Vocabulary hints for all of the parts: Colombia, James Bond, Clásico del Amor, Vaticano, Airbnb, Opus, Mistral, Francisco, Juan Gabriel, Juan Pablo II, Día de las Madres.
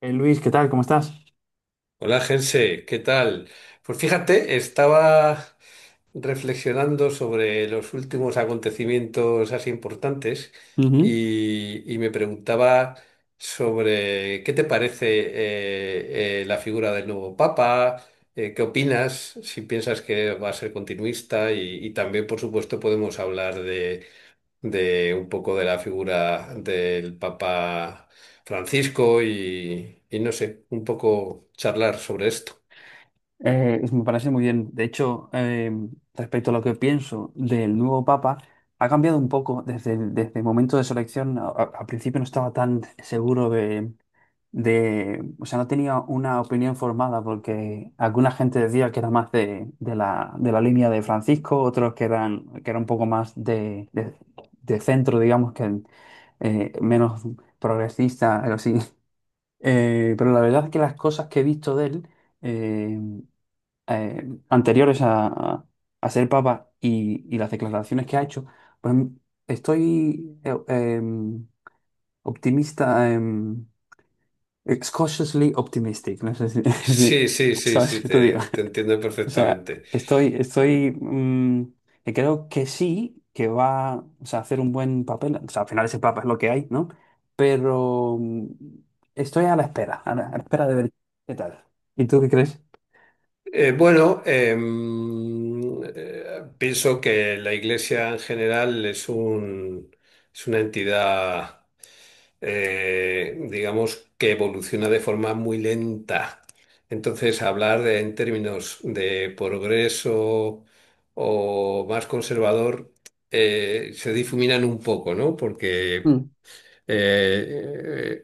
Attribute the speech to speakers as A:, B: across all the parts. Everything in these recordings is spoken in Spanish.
A: Luis, ¿qué tal? ¿Cómo estás?
B: Hola, Gerse, ¿qué tal? Pues fíjate, estaba reflexionando sobre los últimos acontecimientos así importantes
A: Ujú.
B: y me preguntaba sobre qué te parece la figura del nuevo Papa. ¿ Qué opinas? ¿Si piensas que va a ser continuista? Y también, por supuesto, podemos hablar de un poco de la figura del Papa Francisco y no sé, un poco charlar sobre esto.
A: Me parece muy bien. De hecho, respecto a lo que pienso del nuevo Papa, ha cambiado un poco desde desde el momento de su elección. Al principio no estaba tan seguro de, o sea, no tenía una opinión formada porque alguna gente decía que era más de la línea de Francisco, otros que era un poco más de de centro, digamos, que menos progresista, algo así. Pero la verdad es que las cosas que he visto de él eh, anteriores a a ser papa y las declaraciones que ha hecho, pues estoy optimista, cautiously optimistic, no sé si, si-
B: Sí, sí, sí,
A: ¿sabes
B: sí,
A: qué te digo?
B: te entiendo
A: O sea,
B: perfectamente.
A: estoy, que creo que sí, que va, o sea, a hacer un buen papel. O sea, al final ese papa es lo que hay, ¿no? Pero estoy a la espera, a la espera de ver qué tal. ¿Y tú qué crees?
B: Bueno, pienso que la Iglesia en general es una entidad, digamos, que evoluciona de forma muy lenta. Entonces, en términos de progreso o más conservador, se difuminan un poco, ¿no? Porque
A: Mm,
B: eh,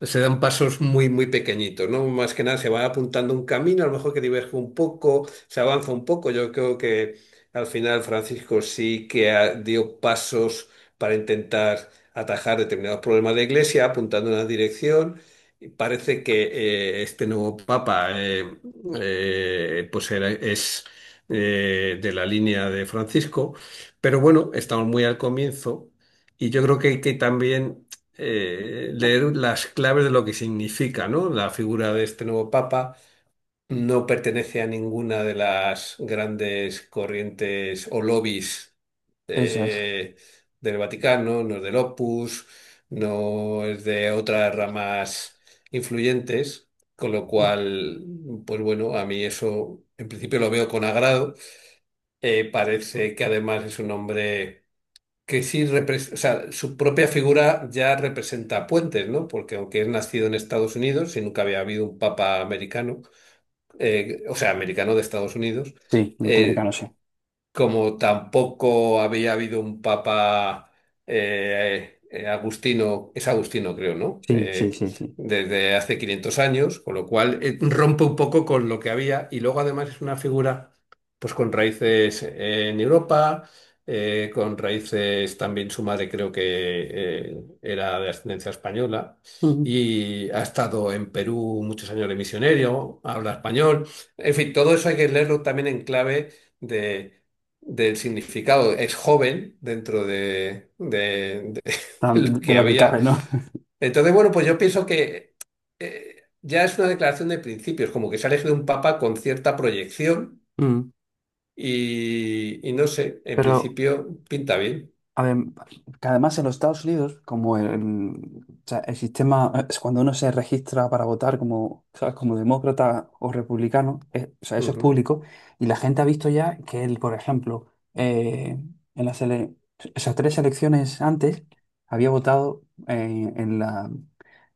B: se dan pasos muy pequeñitos, ¿no? Más que nada se va apuntando un camino, a lo mejor que diverge un poco, se avanza un poco. Yo creo que al final Francisco sí que dio pasos para intentar atajar determinados problemas de la Iglesia, apuntando en una dirección. Y parece que este nuevo Papa es de la línea de Francisco, pero bueno, estamos muy al comienzo. Y yo creo que hay que también leer las claves de lo que significa, ¿no? La figura de este nuevo papa no pertenece a ninguna de las grandes corrientes o lobbies
A: eso es.
B: eh, del Vaticano, no es del Opus, no es de otras ramas influyentes, con lo cual, pues bueno, a mí eso en principio lo veo con agrado. Parece que además es un hombre o sea, su propia figura ya representa puentes, ¿no? Porque aunque es nacido en Estados Unidos y nunca había habido un papa americano, o sea, americano de Estados Unidos,
A: Sí, norteamericano,
B: eh,
A: sí.
B: como tampoco había habido un papa agustino, es agustino creo, ¿no?
A: Sí, sí, sí, sí.
B: Desde hace 500 años, con lo cual rompe un poco con lo que había, y luego además es una figura pues con raíces en Europa, con raíces también, su madre creo que era de ascendencia española.
A: Mm.
B: Y ha estado en Perú muchos años de misionero, habla español. En fin, todo eso hay que leerlo también en clave del significado. Es joven dentro de
A: Tan-
B: lo
A: De
B: que
A: lo que cabe,
B: había.
A: ¿no?
B: Entonces, bueno, pues yo pienso que ya es una declaración de principios, como que se ha elegido un papa con cierta proyección
A: Mm.
B: y no sé, en
A: Pero
B: principio pinta bien.
A: adem- que además en los Estados Unidos, como el, o sea, el sistema, es cuando uno se registra para votar como, ¿sabes?, como demócrata o republicano, o sea, eso es
B: Ujú,
A: público, y la gente ha visto ya que él, por ejemplo, eh, en las ele- esas tres elecciones antes había votado eh, en la,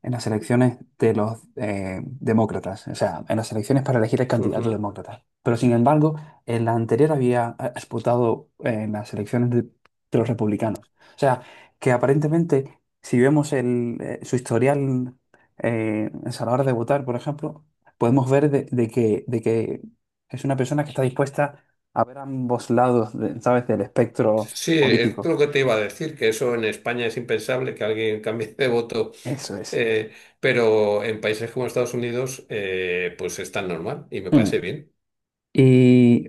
A: en las elecciones de los demócratas, o sea, en las elecciones para elegir el candidato
B: ujú.
A: demócrata. Pero sin embargo, en la anterior había votado en las elecciones de los republicanos. O sea, que aparentemente, si vemos el, su historial eh, a la hora de votar, por ejemplo, podemos ver de que es una persona que está dispuesta a ver ambos lados, de- ¿sabes?, del espectro
B: Sí, es
A: político.
B: lo que te iba a decir, que eso en España es impensable que alguien cambie de voto,
A: Eso es.
B: eh, pero en países como Estados Unidos, pues es tan normal y me parece
A: Mm.
B: bien.
A: Y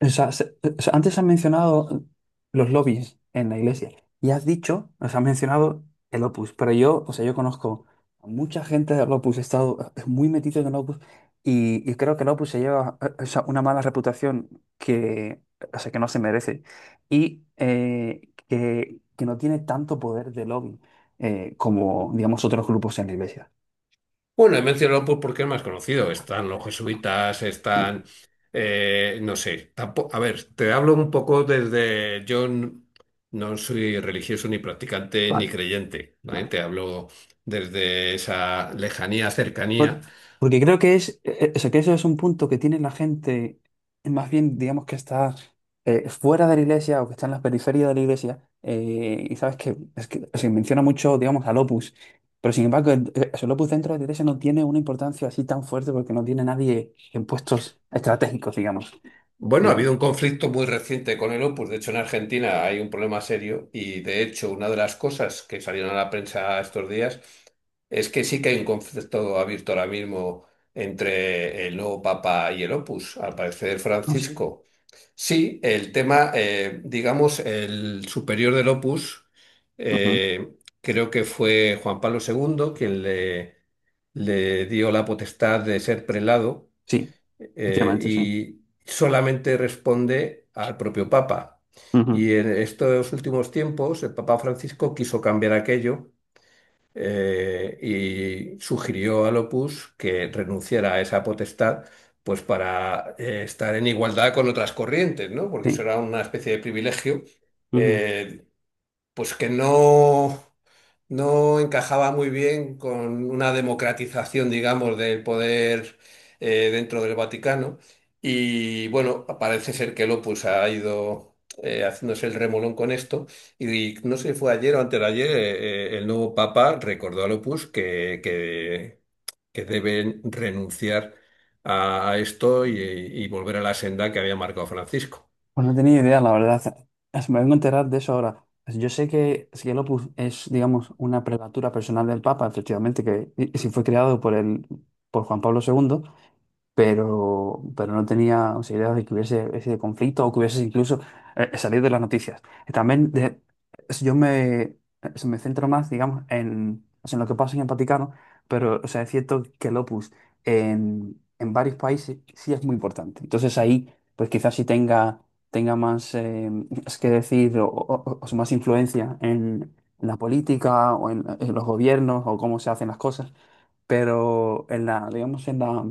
A: o sea, se- o sea, antes has mencionado los lobbies en la iglesia y has dicho, o sea, has mencionado el Opus, pero yo, o sea, yo conozco a mucha gente del Opus, he estado muy metido en el Opus y creo que el Opus se lleva, o sea, una mala reputación que, o sea, que no se merece y que no tiene tanto poder de lobby como, digamos, otros grupos en la iglesia.
B: Bueno, he mencionado pues porque es más conocido. Están los jesuitas,
A: Mm,
B: están, no sé, tampoco, a ver, te hablo un poco desde, no soy religioso ni practicante ni
A: vale,
B: creyente, ¿vale?
A: vale.
B: Te hablo desde esa lejanía, cercanía.
A: Por- Porque creo que es, o sea, que eso es un punto que tiene la gente, más bien, digamos que está fuera de la iglesia o que está en la periferia de la iglesia, y sabes que, es que se menciona mucho, digamos, al Opus, pero sin embargo, el Opus dentro de la iglesia no tiene una importancia así tan fuerte porque no tiene nadie en puestos estratégicos, digamos.
B: Bueno, ha
A: En-
B: habido un conflicto muy reciente con el Opus. De hecho, en Argentina hay un problema serio y, de hecho, una de las cosas que salieron a la prensa estos días es que sí que hay un conflicto abierto ahora mismo entre el nuevo Papa y el Opus. Al parecer,
A: no sé.
B: Francisco. Sí, el tema, digamos, el superior del Opus,
A: Ujú,
B: creo que fue Juan Pablo II quien le dio la potestad de ser prelado
A: sí, efectivamente, sí.
B: y solamente responde al propio Papa.
A: Ujú.
B: Y en estos últimos tiempos el Papa Francisco quiso cambiar aquello, eh, y sugirió al Opus que renunciara a esa potestad, pues para estar en igualdad con otras corrientes, ¿no? Porque eso
A: Sí.
B: era una especie de privilegio,
A: Ujú.
B: eh, pues que no encajaba muy bien con una democratización, digamos, del poder dentro del Vaticano. Y bueno, parece ser que Lopus ha ido haciéndose el remolón con esto. Y no sé si fue ayer o antes de ayer, el nuevo Papa recordó a Lopus que deben renunciar a esto y volver a la senda que había marcado Francisco.
A: Pues no tenía idea, la verdad. Es- Me vengo a enterar de eso ahora. Pues yo sé que es que el Opus es, digamos, una prelatura personal del Papa, efectivamente, que y si fue creado por el, por Juan Pablo segundo, pero no tenía posibilidad de que hubiese ese conflicto o que hubiese incluso salido de las noticias. También de- es- yo me, es- me centro más, digamos, en, o sea, en lo que pasa en el Vaticano, pero o sea, es cierto que el Opus en varios países sí es muy importante. Entonces ahí, pues quizás sí tenga, tenga más es que decir o sea, más influencia en la política o en los gobiernos o cómo se hacen las cosas, pero en la, digamos, en la,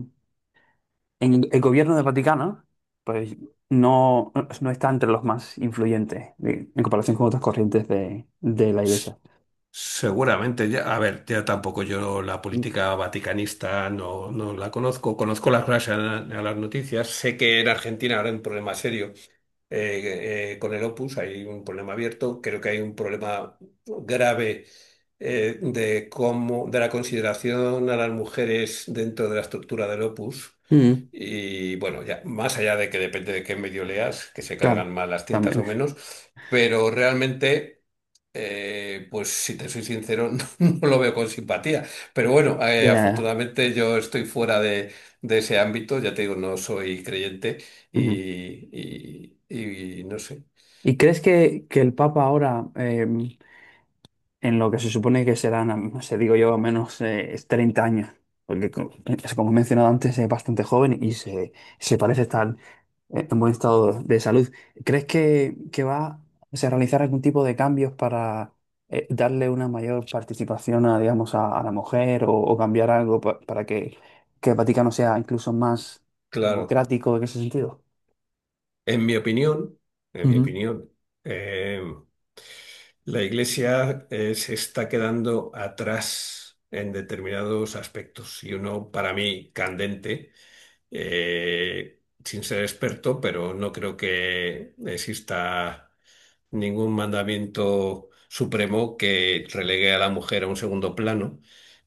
A: en el gobierno del Vaticano, pues no, no está entre los más influyentes de- en comparación con otras corrientes de la iglesia.
B: Seguramente. Ya, a ver, ya tampoco yo la política vaticanista no la conozco, conozco las noticias, sé que en Argentina habrá un problema serio con el Opus, hay un problema abierto, creo que hay un problema grave de cómo, de la consideración a las mujeres dentro de la estructura del Opus.
A: Mm,
B: Y bueno, ya, más allá de que depende de qué medio leas, que se
A: claro,
B: cargan más las tintas o
A: también.
B: menos, pero realmente, pues si te soy sincero, no, no lo veo con simpatía. Pero bueno,
A: Ya, ya, ya.
B: afortunadamente yo estoy fuera de ese ámbito, ya te digo, no soy creyente
A: Ujú.
B: y no sé.
A: ¿Y crees que el Papa ahora, en lo que se supone que serán, no sé, digo yo, al menos 30 años? Porque, co- es como he mencionado antes, es bastante joven y se parece estar en buen estado de salud. ¿Crees que va a realizar algún tipo de cambios para darle una mayor participación a, digamos, a la mujer o cambiar algo pa- para que el Vaticano sea incluso más
B: Claro,
A: democrático en ese sentido?
B: en mi opinión, en mi
A: Ujú,
B: opinión, eh, la Iglesia se está quedando atrás en determinados aspectos, y uno para mí candente, sin ser experto, pero no creo que exista ningún mandamiento supremo que relegue a la mujer a un segundo plano,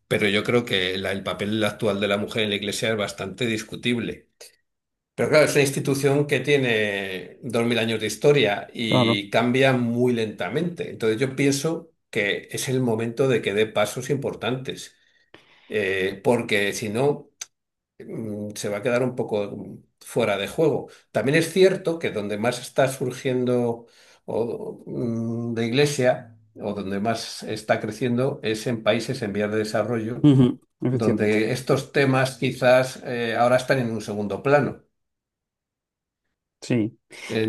B: pero yo creo que el papel actual de la mujer en la Iglesia es bastante discutible. Pero claro, es una institución que tiene 2.000 años de historia
A: claro,
B: y cambia muy lentamente. Entonces yo pienso que es el momento de que dé pasos importantes, porque si no, mm, se va a quedar un poco fuera de juego. También es cierto que donde más está surgiendo o mm, de iglesia, o donde más está creciendo, es en países en vías de desarrollo,
A: ujú, efectivamente.
B: donde estos temas quizás ahora están en un segundo plano.
A: Sí.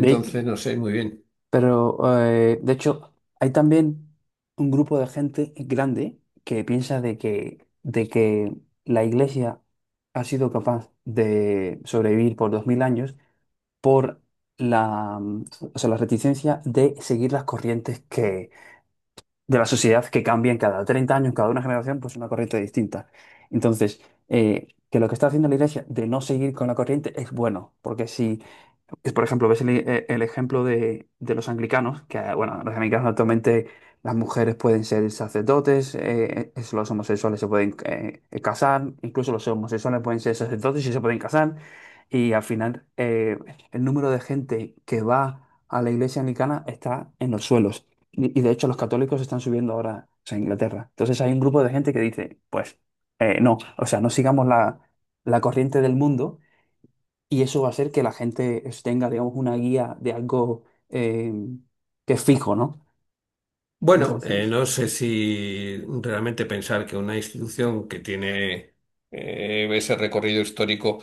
A: De,
B: no sé, muy bien.
A: pero, de hecho, hay también un grupo de gente grande que piensa de que la Iglesia ha sido capaz de sobrevivir por 2000 años por la, o sea, la reticencia de seguir las corrientes que, de la sociedad que cambian cada 30 años, cada una generación, pues una corriente distinta. Entonces, que lo que está haciendo la Iglesia de no seguir con la corriente es bueno, porque si es, por ejemplo, ves el ejemplo de los anglicanos, que, bueno, los anglicanos actualmente las mujeres pueden ser sacerdotes, es- los homosexuales se pueden casar, incluso los homosexuales pueden ser sacerdotes y se pueden casar. Y al final, el número de gente que va a la iglesia anglicana está en los suelos. Y de hecho, los católicos están subiendo ahora, o sea, a Inglaterra. Entonces, hay un grupo de gente que dice, pues, no, o sea, no sigamos la, la corriente del mundo, y eso va a hacer que la gente es- tenga, digamos, una guía de algo que es fijo, ¿no? No sé
B: Bueno,
A: si-
B: no sé si realmente pensar que una institución que tiene ese recorrido histórico,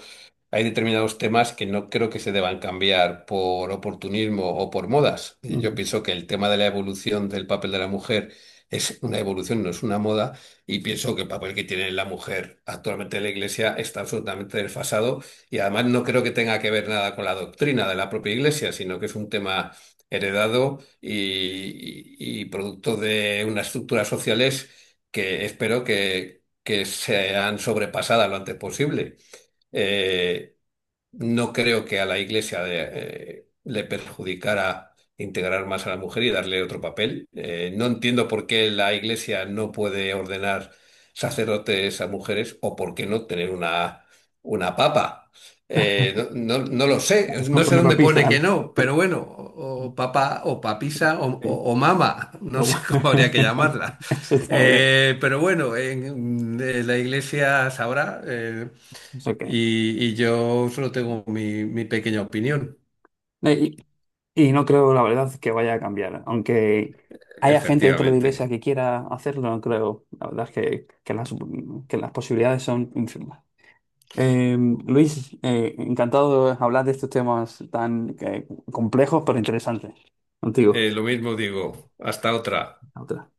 B: hay determinados temas que no creo que se deban cambiar por oportunismo o por modas. Yo
A: Mm.
B: pienso que el tema de la evolución del papel de la mujer es una evolución, no es una moda, y pienso que el papel que tiene la mujer actualmente en la Iglesia está absolutamente desfasado, y además no creo que tenga que ver nada con la doctrina de la propia Iglesia, sino que es un tema heredado y producto de unas estructuras sociales que espero que sean sobrepasadas lo antes posible. Eh, no creo que a la Iglesia le perjudicara integrar más a la mujer y darle otro papel. No entiendo por qué la Iglesia no puede ordenar sacerdotes a mujeres, o por qué no tener una papa. No lo sé, no sé
A: Una
B: dónde pone
A: papita,
B: que
A: ¿no?
B: no, pero bueno, o papa o papisa
A: Sí.
B: o mama, no
A: Oh,
B: sé cómo habría que llamarla.
A: eso está muy bien.
B: Pero bueno, en la Iglesia sabrá.
A: Es ok.
B: Y y yo solo tengo mi pequeña opinión.
A: Y, y no creo, la verdad, que vaya a cambiar. Aunque haya gente dentro de la
B: Efectivamente.
A: iglesia que quiera hacerlo, no creo. La verdad es que las posibilidades son infinitas. Eh, Luis, encantado de hablar de estos temas tan complejos pero interesantes contigo.
B: Lo mismo digo. Hasta otra.
A: A otra.